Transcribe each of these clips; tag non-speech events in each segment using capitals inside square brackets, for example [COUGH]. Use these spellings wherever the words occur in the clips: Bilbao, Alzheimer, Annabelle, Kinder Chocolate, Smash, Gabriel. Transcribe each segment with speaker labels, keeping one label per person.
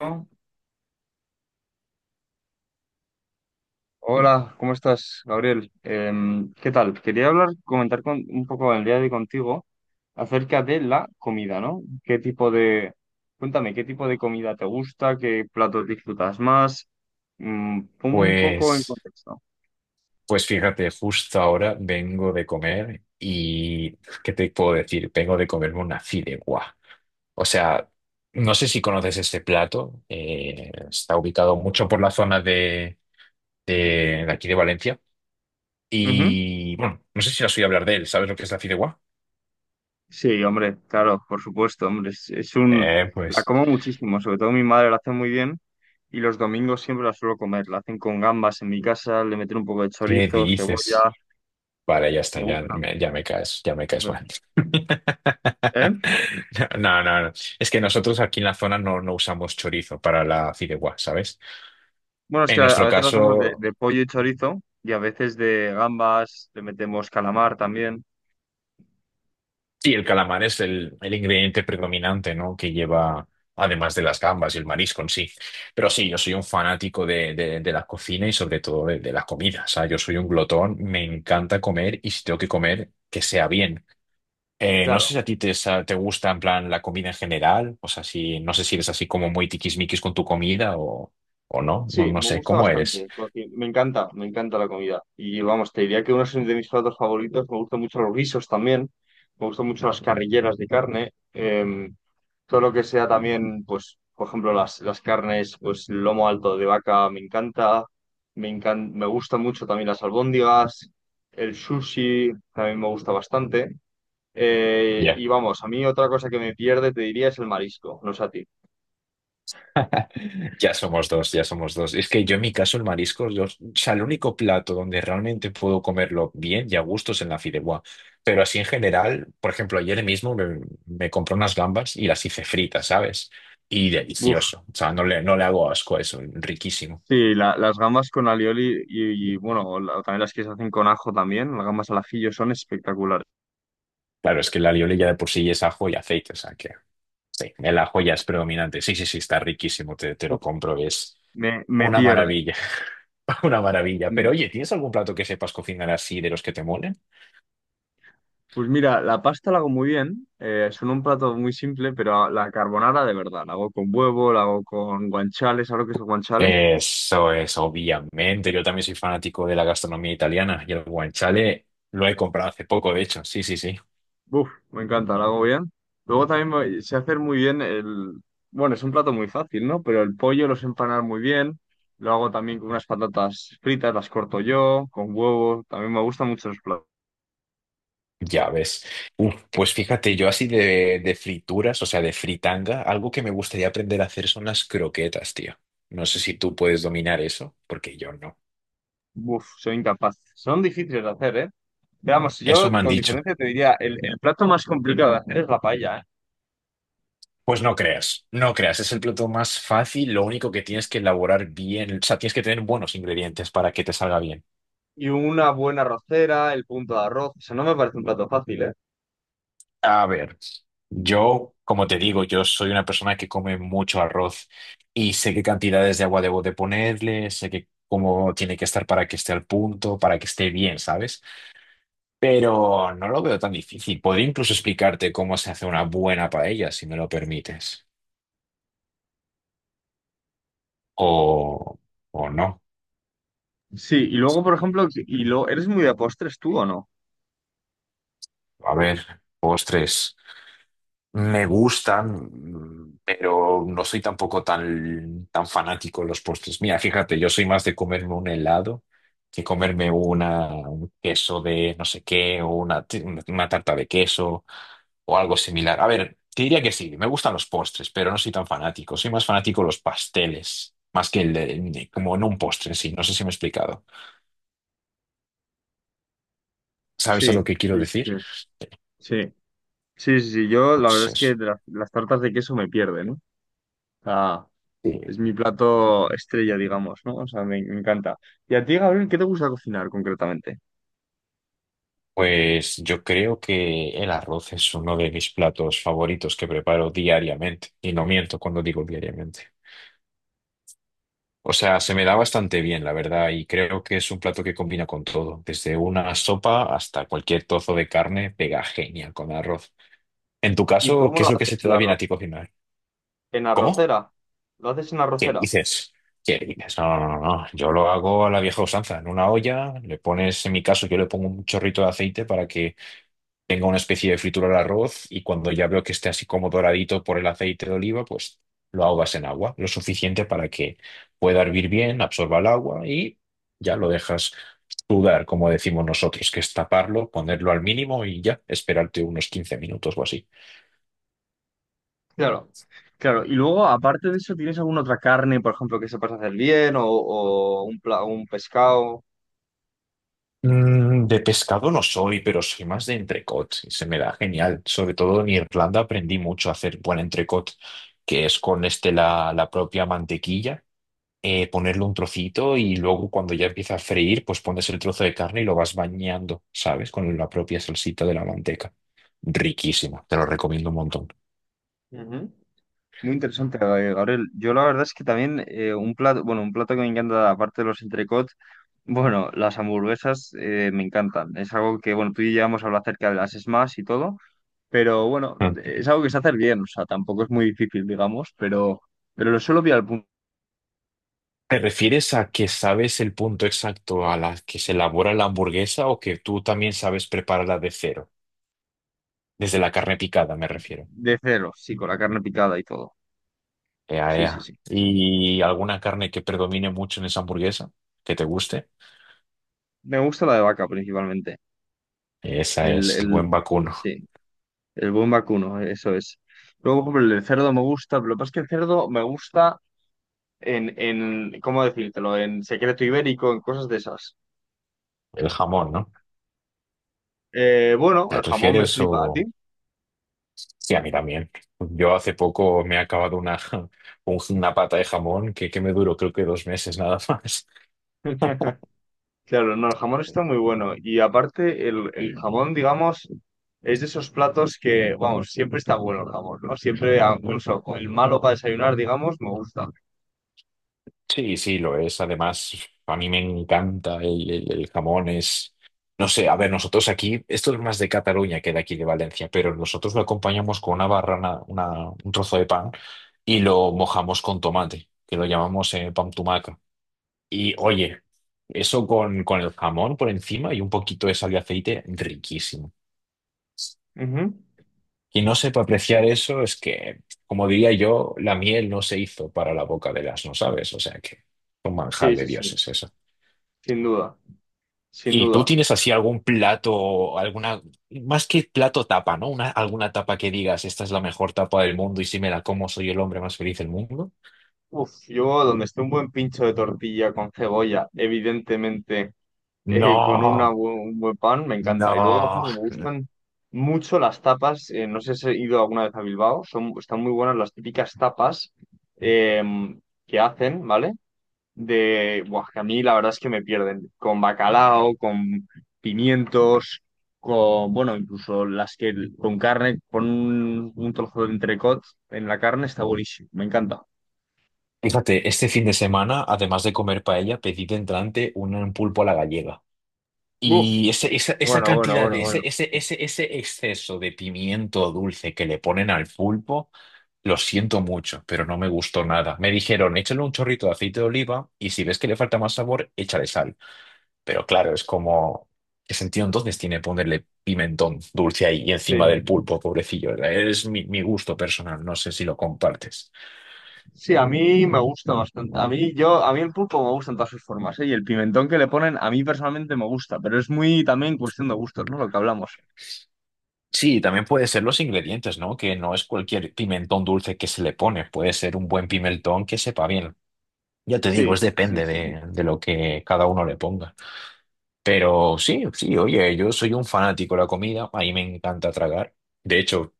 Speaker 1: ¿No? Hola, ¿cómo estás, Gabriel? ¿Qué tal? Quería comentar un poco el día de hoy contigo acerca de la comida, ¿no? Cuéntame, ¿qué tipo de comida te gusta? ¿Qué platos disfrutas más? Mm, pon un poco en
Speaker 2: Pues,
Speaker 1: contexto.
Speaker 2: pues fíjate, justo ahora vengo de comer y ¿qué te puedo decir? Vengo de comerme una fideuá. O sea, no sé si conoces este plato. Está ubicado mucho por la zona de, de aquí de Valencia.
Speaker 1: Ujú.
Speaker 2: Y bueno, no sé si has oído hablar de él. ¿Sabes lo que es la fideuá?
Speaker 1: Sí, hombre, claro, por supuesto, hombre,
Speaker 2: Eh,
Speaker 1: la
Speaker 2: pues,
Speaker 1: como muchísimo, sobre todo mi madre la hace muy bien y los domingos siempre la suelo comer, la hacen con gambas en mi casa, le meten un poco de
Speaker 2: ¿qué
Speaker 1: chorizo,
Speaker 2: dices?
Speaker 1: cebolla,
Speaker 2: Vale, ya está,
Speaker 1: me
Speaker 2: ya
Speaker 1: gusta.
Speaker 2: me, ya me caes, ya me caes mal.
Speaker 1: ¿Eh?
Speaker 2: [LAUGHS] No, no, no. Es que nosotros aquí en la zona no usamos chorizo para la fideuá, ¿sabes?
Speaker 1: Bueno, es que
Speaker 2: En
Speaker 1: a
Speaker 2: nuestro
Speaker 1: veces lo hacemos
Speaker 2: caso,
Speaker 1: de pollo y chorizo y a veces de gambas, le metemos calamar también.
Speaker 2: sí, el calamar es el ingrediente predominante, ¿no? Que lleva, además de las gambas y el marisco en sí. Pero sí, yo soy un fanático de la cocina y sobre todo de la comida. O sea, yo soy un glotón, me encanta comer y si tengo que comer, que sea bien. No sé si
Speaker 1: Claro,
Speaker 2: a ti te gusta en plan la comida en general, o sea, si, no sé si eres así como muy tiquismiquis con tu comida o no, no,
Speaker 1: sí,
Speaker 2: no
Speaker 1: me
Speaker 2: sé,
Speaker 1: gusta
Speaker 2: ¿cómo eres?
Speaker 1: bastante. Me encanta la comida. Y vamos, te diría que uno es de mis platos favoritos, me gustan mucho los guisos también, me gustan mucho las carrilleras de carne, todo lo que sea también, pues, por ejemplo, las carnes, pues, lomo alto de vaca me encanta, me gustan mucho también las albóndigas, el sushi también me gusta bastante.
Speaker 2: Ya.
Speaker 1: Y vamos, a mí otra cosa que me pierde, te diría, es el marisco, no sé a ti.
Speaker 2: Ya somos dos, ya somos dos. Es que yo en mi caso el marisco, o sea, el único plato donde realmente puedo comerlo bien y a gusto es en la fideuá. Pero así en general, por ejemplo, ayer mismo me compré unas gambas y las hice fritas, ¿sabes? Y
Speaker 1: Uf,
Speaker 2: delicioso. O sea, no le hago asco a eso, riquísimo.
Speaker 1: sí, las gambas con alioli y, bueno, también las que se hacen con ajo también, las gambas al ajillo son espectaculares.
Speaker 2: Claro, es que la alioli ya de por sí es ajo y aceite, o sea que sí, el ajo ya es predominante. Sí, sí, sí, está riquísimo, te lo
Speaker 1: Uf,
Speaker 2: compro, es
Speaker 1: me
Speaker 2: una
Speaker 1: pierde.
Speaker 2: maravilla, [LAUGHS] una maravilla. Pero
Speaker 1: Mm,
Speaker 2: oye, ¿tienes algún plato que sepas cocinar así de los que te molen?
Speaker 1: pues mira, la pasta la hago muy bien, son un plato muy simple, pero la carbonara de verdad, la hago con huevo, la hago con guanchales. ¿Sabes lo que es el guanchale?
Speaker 2: Eso es, obviamente. Yo también soy fanático de la gastronomía italiana y el guanciale lo he comprado hace poco, de hecho. Sí, sí, sí.
Speaker 1: Uf, me encanta, lo hago bien. Luego también sé hacer muy bien el... Bueno, es un plato muy fácil, ¿no? Pero el pollo los empanar muy bien. Lo hago también con unas patatas fritas, las corto yo, con huevo. También me gustan mucho los...
Speaker 2: Ya ves. Uf, pues fíjate, yo así de frituras, o sea, de fritanga, algo que me gustaría aprender a hacer son las croquetas, tío. No sé si tú puedes dominar eso, porque yo no.
Speaker 1: Uf, soy incapaz. Son difíciles de hacer, ¿eh? Veamos,
Speaker 2: Eso me
Speaker 1: yo
Speaker 2: han
Speaker 1: con
Speaker 2: dicho.
Speaker 1: diferencia te diría, el plato más complicado de hacer es la paella, ¿eh?
Speaker 2: Pues no creas, no creas, es el plato más fácil, lo único que tienes que elaborar bien, o sea, tienes que tener buenos ingredientes para que te salga bien.
Speaker 1: Y una buena arrocera, el punto de arroz. Eso no me parece un plato fácil, ¿eh?
Speaker 2: A ver, yo, como te digo, yo soy una persona que come mucho arroz y sé qué cantidades de agua debo de ponerle, sé que cómo tiene que estar para que esté al punto, para que esté bien, ¿sabes? Pero no lo veo tan difícil. Podría incluso explicarte cómo se hace una buena paella, si me lo permites. O, o no.
Speaker 1: Sí, y luego, por ejemplo, y lo... ¿Eres muy de postres tú o no?
Speaker 2: A ver, postres. Me gustan, pero no soy tampoco tan fanático de los postres. Mira, fíjate, yo soy más de comerme un helado que comerme un queso de no sé qué, o una tarta de queso o algo similar. A ver, te diría que sí, me gustan los postres, pero no soy tan fanático. Soy más fanático de los pasteles, más que como no un postre en sí. No sé si me he explicado. ¿Sabes a
Speaker 1: Sí,
Speaker 2: lo que quiero
Speaker 1: sí, sí.
Speaker 2: decir?
Speaker 1: Sí. Sí, sí, sí, yo la verdad
Speaker 2: Pues
Speaker 1: es
Speaker 2: eso.
Speaker 1: que de las tartas de queso me pierden, ¿no? O sea,
Speaker 2: Sí.
Speaker 1: es mi plato estrella, digamos, ¿no? O sea, me encanta. ¿Y a ti, Gabriel, qué te gusta cocinar concretamente?
Speaker 2: Pues yo creo que el arroz es uno de mis platos favoritos que preparo diariamente, y no miento cuando digo diariamente. O sea, se me da bastante bien, la verdad, y creo que es un plato que combina con todo, desde una sopa hasta cualquier trozo de carne, pega genial con arroz. En tu
Speaker 1: ¿Y
Speaker 2: caso,
Speaker 1: cómo
Speaker 2: ¿qué
Speaker 1: lo
Speaker 2: es lo que
Speaker 1: haces
Speaker 2: se te
Speaker 1: el
Speaker 2: da bien a
Speaker 1: arroz?
Speaker 2: ti cocinar?
Speaker 1: ¿En
Speaker 2: ¿Cómo?
Speaker 1: arrocera? ¿Lo haces en
Speaker 2: ¿Qué
Speaker 1: arrocera?
Speaker 2: dices? ¿Qué dices? No, no, no, no. Yo lo hago a la vieja usanza, en una olla, le pones, en mi caso, yo le pongo un chorrito de aceite para que tenga una especie de fritura al arroz y cuando ya veo que esté así como doradito por el aceite de oliva, pues lo ahogas en agua, lo suficiente para que pueda hervir bien, absorba el agua y ya lo dejas sudar, como decimos nosotros, que es taparlo, ponerlo al mínimo y ya esperarte unos 15 minutos o así.
Speaker 1: Claro, claro. Y luego, aparte de eso, ¿tienes alguna otra carne, por ejemplo, que sepas hacer bien o un, un pescado?
Speaker 2: De pescado no soy, pero soy más de entrecot y se me da genial. Sobre todo en Irlanda aprendí mucho a hacer buen entrecot, que es con este la propia mantequilla, ponerle un trocito y luego cuando ya empieza a freír, pues pones el trozo de carne y lo vas bañando, ¿sabes? Con la propia salsita de la manteca. Riquísima, te lo recomiendo un montón.
Speaker 1: Ujú. Muy interesante, Gabriel. Yo la verdad es que también un plato, bueno, un plato que me encanta, aparte de los entrecot. Bueno, las hamburguesas me encantan. Es algo que, bueno, tú y yo ya hemos hablado acerca de las Smash y todo, pero bueno,
Speaker 2: Mm.
Speaker 1: es algo que se hace bien, o sea, tampoco es muy difícil, digamos, pero lo suelo pillar
Speaker 2: ¿Te refieres a que sabes el punto exacto a la que se elabora la hamburguesa o que tú también sabes prepararla de cero? Desde la carne picada, me refiero.
Speaker 1: de cero, sí, con la carne picada y todo.
Speaker 2: Ea,
Speaker 1: Sí, sí,
Speaker 2: ea.
Speaker 1: sí.
Speaker 2: ¿Y alguna carne que predomine mucho en esa hamburguesa? ¿Que te guste?
Speaker 1: Me gusta la de vaca principalmente.
Speaker 2: Esa
Speaker 1: El,
Speaker 2: es el
Speaker 1: el,
Speaker 2: buen vacuno,
Speaker 1: sí, el buen vacuno, eso es. Luego, por ejemplo, el del cerdo me gusta, pero lo que pasa es que el cerdo me gusta en, ¿cómo decírtelo? En secreto ibérico, en cosas de esas.
Speaker 2: el jamón, ¿no?
Speaker 1: Bueno,
Speaker 2: ¿Te
Speaker 1: el jamón me
Speaker 2: refieres o...?
Speaker 1: flipa a ti.
Speaker 2: Sí, a mí también. Yo hace poco me he acabado [LAUGHS] una pata de jamón que me duró creo que 2 meses nada más. [LAUGHS]
Speaker 1: [LAUGHS] Claro, no, el jamón está muy bueno. Y aparte, el jamón, digamos, es de esos platos que, vamos, siempre está bueno el jamón, ¿no? Siempre, ah, incluso con el malo para desayunar, digamos, me gusta.
Speaker 2: Sí, sí, lo es. Además, a mí me encanta el jamón. Es, no sé, a ver, nosotros aquí, esto es más de Cataluña que de aquí de Valencia, pero nosotros lo acompañamos con una barrana, un trozo de pan y lo mojamos con tomate, que lo llamamos pan tumaca. Y oye, eso con, el jamón por encima y un poquito de sal y aceite, riquísimo.
Speaker 1: Ujú.
Speaker 2: Quien no sepa apreciar eso es que, como diría yo, la miel no se hizo para la boca del asno, ¿sabes? O sea que un manjar
Speaker 1: Sí,
Speaker 2: de
Speaker 1: sí, sí,
Speaker 2: dioses eso.
Speaker 1: sin duda, sin
Speaker 2: ¿Y tú
Speaker 1: duda.
Speaker 2: tienes así algún plato, alguna, más que plato tapa, ¿no? Alguna tapa que digas, esta es la mejor tapa del mundo y si me la como soy el hombre más feliz del mundo?
Speaker 1: Uf, yo donde esté un buen pincho de tortilla con cebolla, evidentemente. Con una
Speaker 2: No,
Speaker 1: un buen pan, me encanta. Y luego, por
Speaker 2: no.
Speaker 1: ejemplo, me gustan mucho las tapas. No sé si he ido alguna vez a Bilbao. Son, están muy buenas las típicas tapas em, que hacen, ¿vale? De, buah, que a mí la verdad es que me pierden. Con bacalao, con pimientos, con, bueno, incluso las que con carne, con un trozo de entrecot en la carne, está buenísimo. Me encanta.
Speaker 2: Fíjate, este fin de semana, además de comer paella, pedí de entrante un pulpo a la gallega.
Speaker 1: Buf.
Speaker 2: Y esa
Speaker 1: Bueno, bueno,
Speaker 2: cantidad
Speaker 1: bueno,
Speaker 2: de
Speaker 1: bueno.
Speaker 2: ese, ese, ese, ese exceso de pimiento dulce que le ponen al pulpo, lo siento mucho, pero no me gustó nada. Me dijeron, échale un chorrito de aceite de oliva y si ves que le falta más sabor, échale sal. Pero claro, es como, ¿qué sentido entonces tiene ponerle pimentón dulce ahí y
Speaker 1: Sí.
Speaker 2: encima del pulpo, pobrecillo? Es mi gusto personal, no sé si lo compartes.
Speaker 1: Sí, a mí me gusta bastante. A mí, yo, a mí el pulpo me gusta en todas sus formas, ¿eh? Y el pimentón que le ponen, a mí personalmente me gusta, pero es muy también cuestión de gustos, ¿no? Lo que hablamos.
Speaker 2: Sí, también puede ser los ingredientes, ¿no? Que no es cualquier pimentón dulce que se le pone, puede ser un buen pimentón que sepa bien. Ya te digo, es
Speaker 1: Sí, sí,
Speaker 2: depende
Speaker 1: sí.
Speaker 2: de lo que cada uno le ponga. Pero sí, sí, oye, yo soy un fanático de la comida, a mí me encanta tragar. De hecho,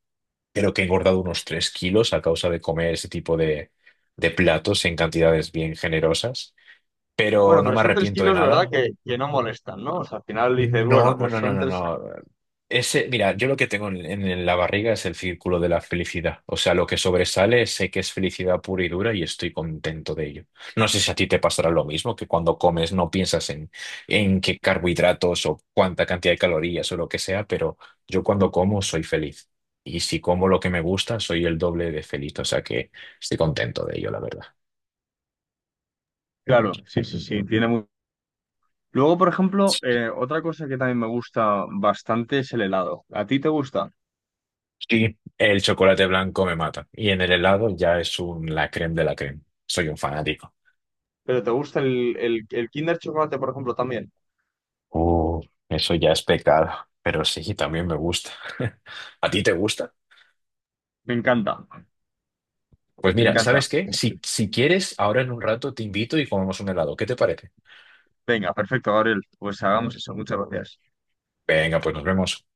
Speaker 2: creo que he engordado unos 3 kilos a causa de comer ese tipo de platos en cantidades bien generosas. Pero
Speaker 1: Bueno,
Speaker 2: no
Speaker 1: pero
Speaker 2: me
Speaker 1: son tres
Speaker 2: arrepiento de
Speaker 1: kilos, ¿verdad?
Speaker 2: nada.
Speaker 1: Que no molestan, ¿no? O sea, al final dices,
Speaker 2: No,
Speaker 1: bueno,
Speaker 2: no,
Speaker 1: pues
Speaker 2: no, no,
Speaker 1: son
Speaker 2: no,
Speaker 1: tres.
Speaker 2: no. Ese, mira, yo lo que tengo en, la barriga es el círculo de la felicidad. O sea, lo que sobresale sé que es felicidad pura y dura y estoy contento de ello. No sé si a ti te pasará lo mismo, que cuando comes no piensas en qué carbohidratos o cuánta cantidad de calorías o lo que sea, pero yo cuando como soy feliz. Y si como lo que me gusta, soy el doble de feliz. O sea que estoy contento de ello, la verdad.
Speaker 1: Claro, sí, sí, sí. Tiene... Luego, por ejemplo, otra cosa que también me gusta bastante es el helado. ¿A ti te gusta?
Speaker 2: Y el chocolate blanco me mata. Y en el helado ya es un la creme de la creme. Soy un fanático.
Speaker 1: ¿Pero te gusta el Kinder Chocolate, por ejemplo, también?
Speaker 2: Uh, Eso ya es pecado. Pero sí, también me gusta. [LAUGHS] ¿A ti te gusta?
Speaker 1: Me encanta,
Speaker 2: Pues
Speaker 1: me
Speaker 2: mira,
Speaker 1: encanta.
Speaker 2: ¿sabes qué? Si quieres, ahora en un rato te invito y comemos un helado. ¿Qué te parece?
Speaker 1: Venga, perfecto, Gabriel. Pues hagamos eso. Muchas gracias.
Speaker 2: Venga, pues nos vemos.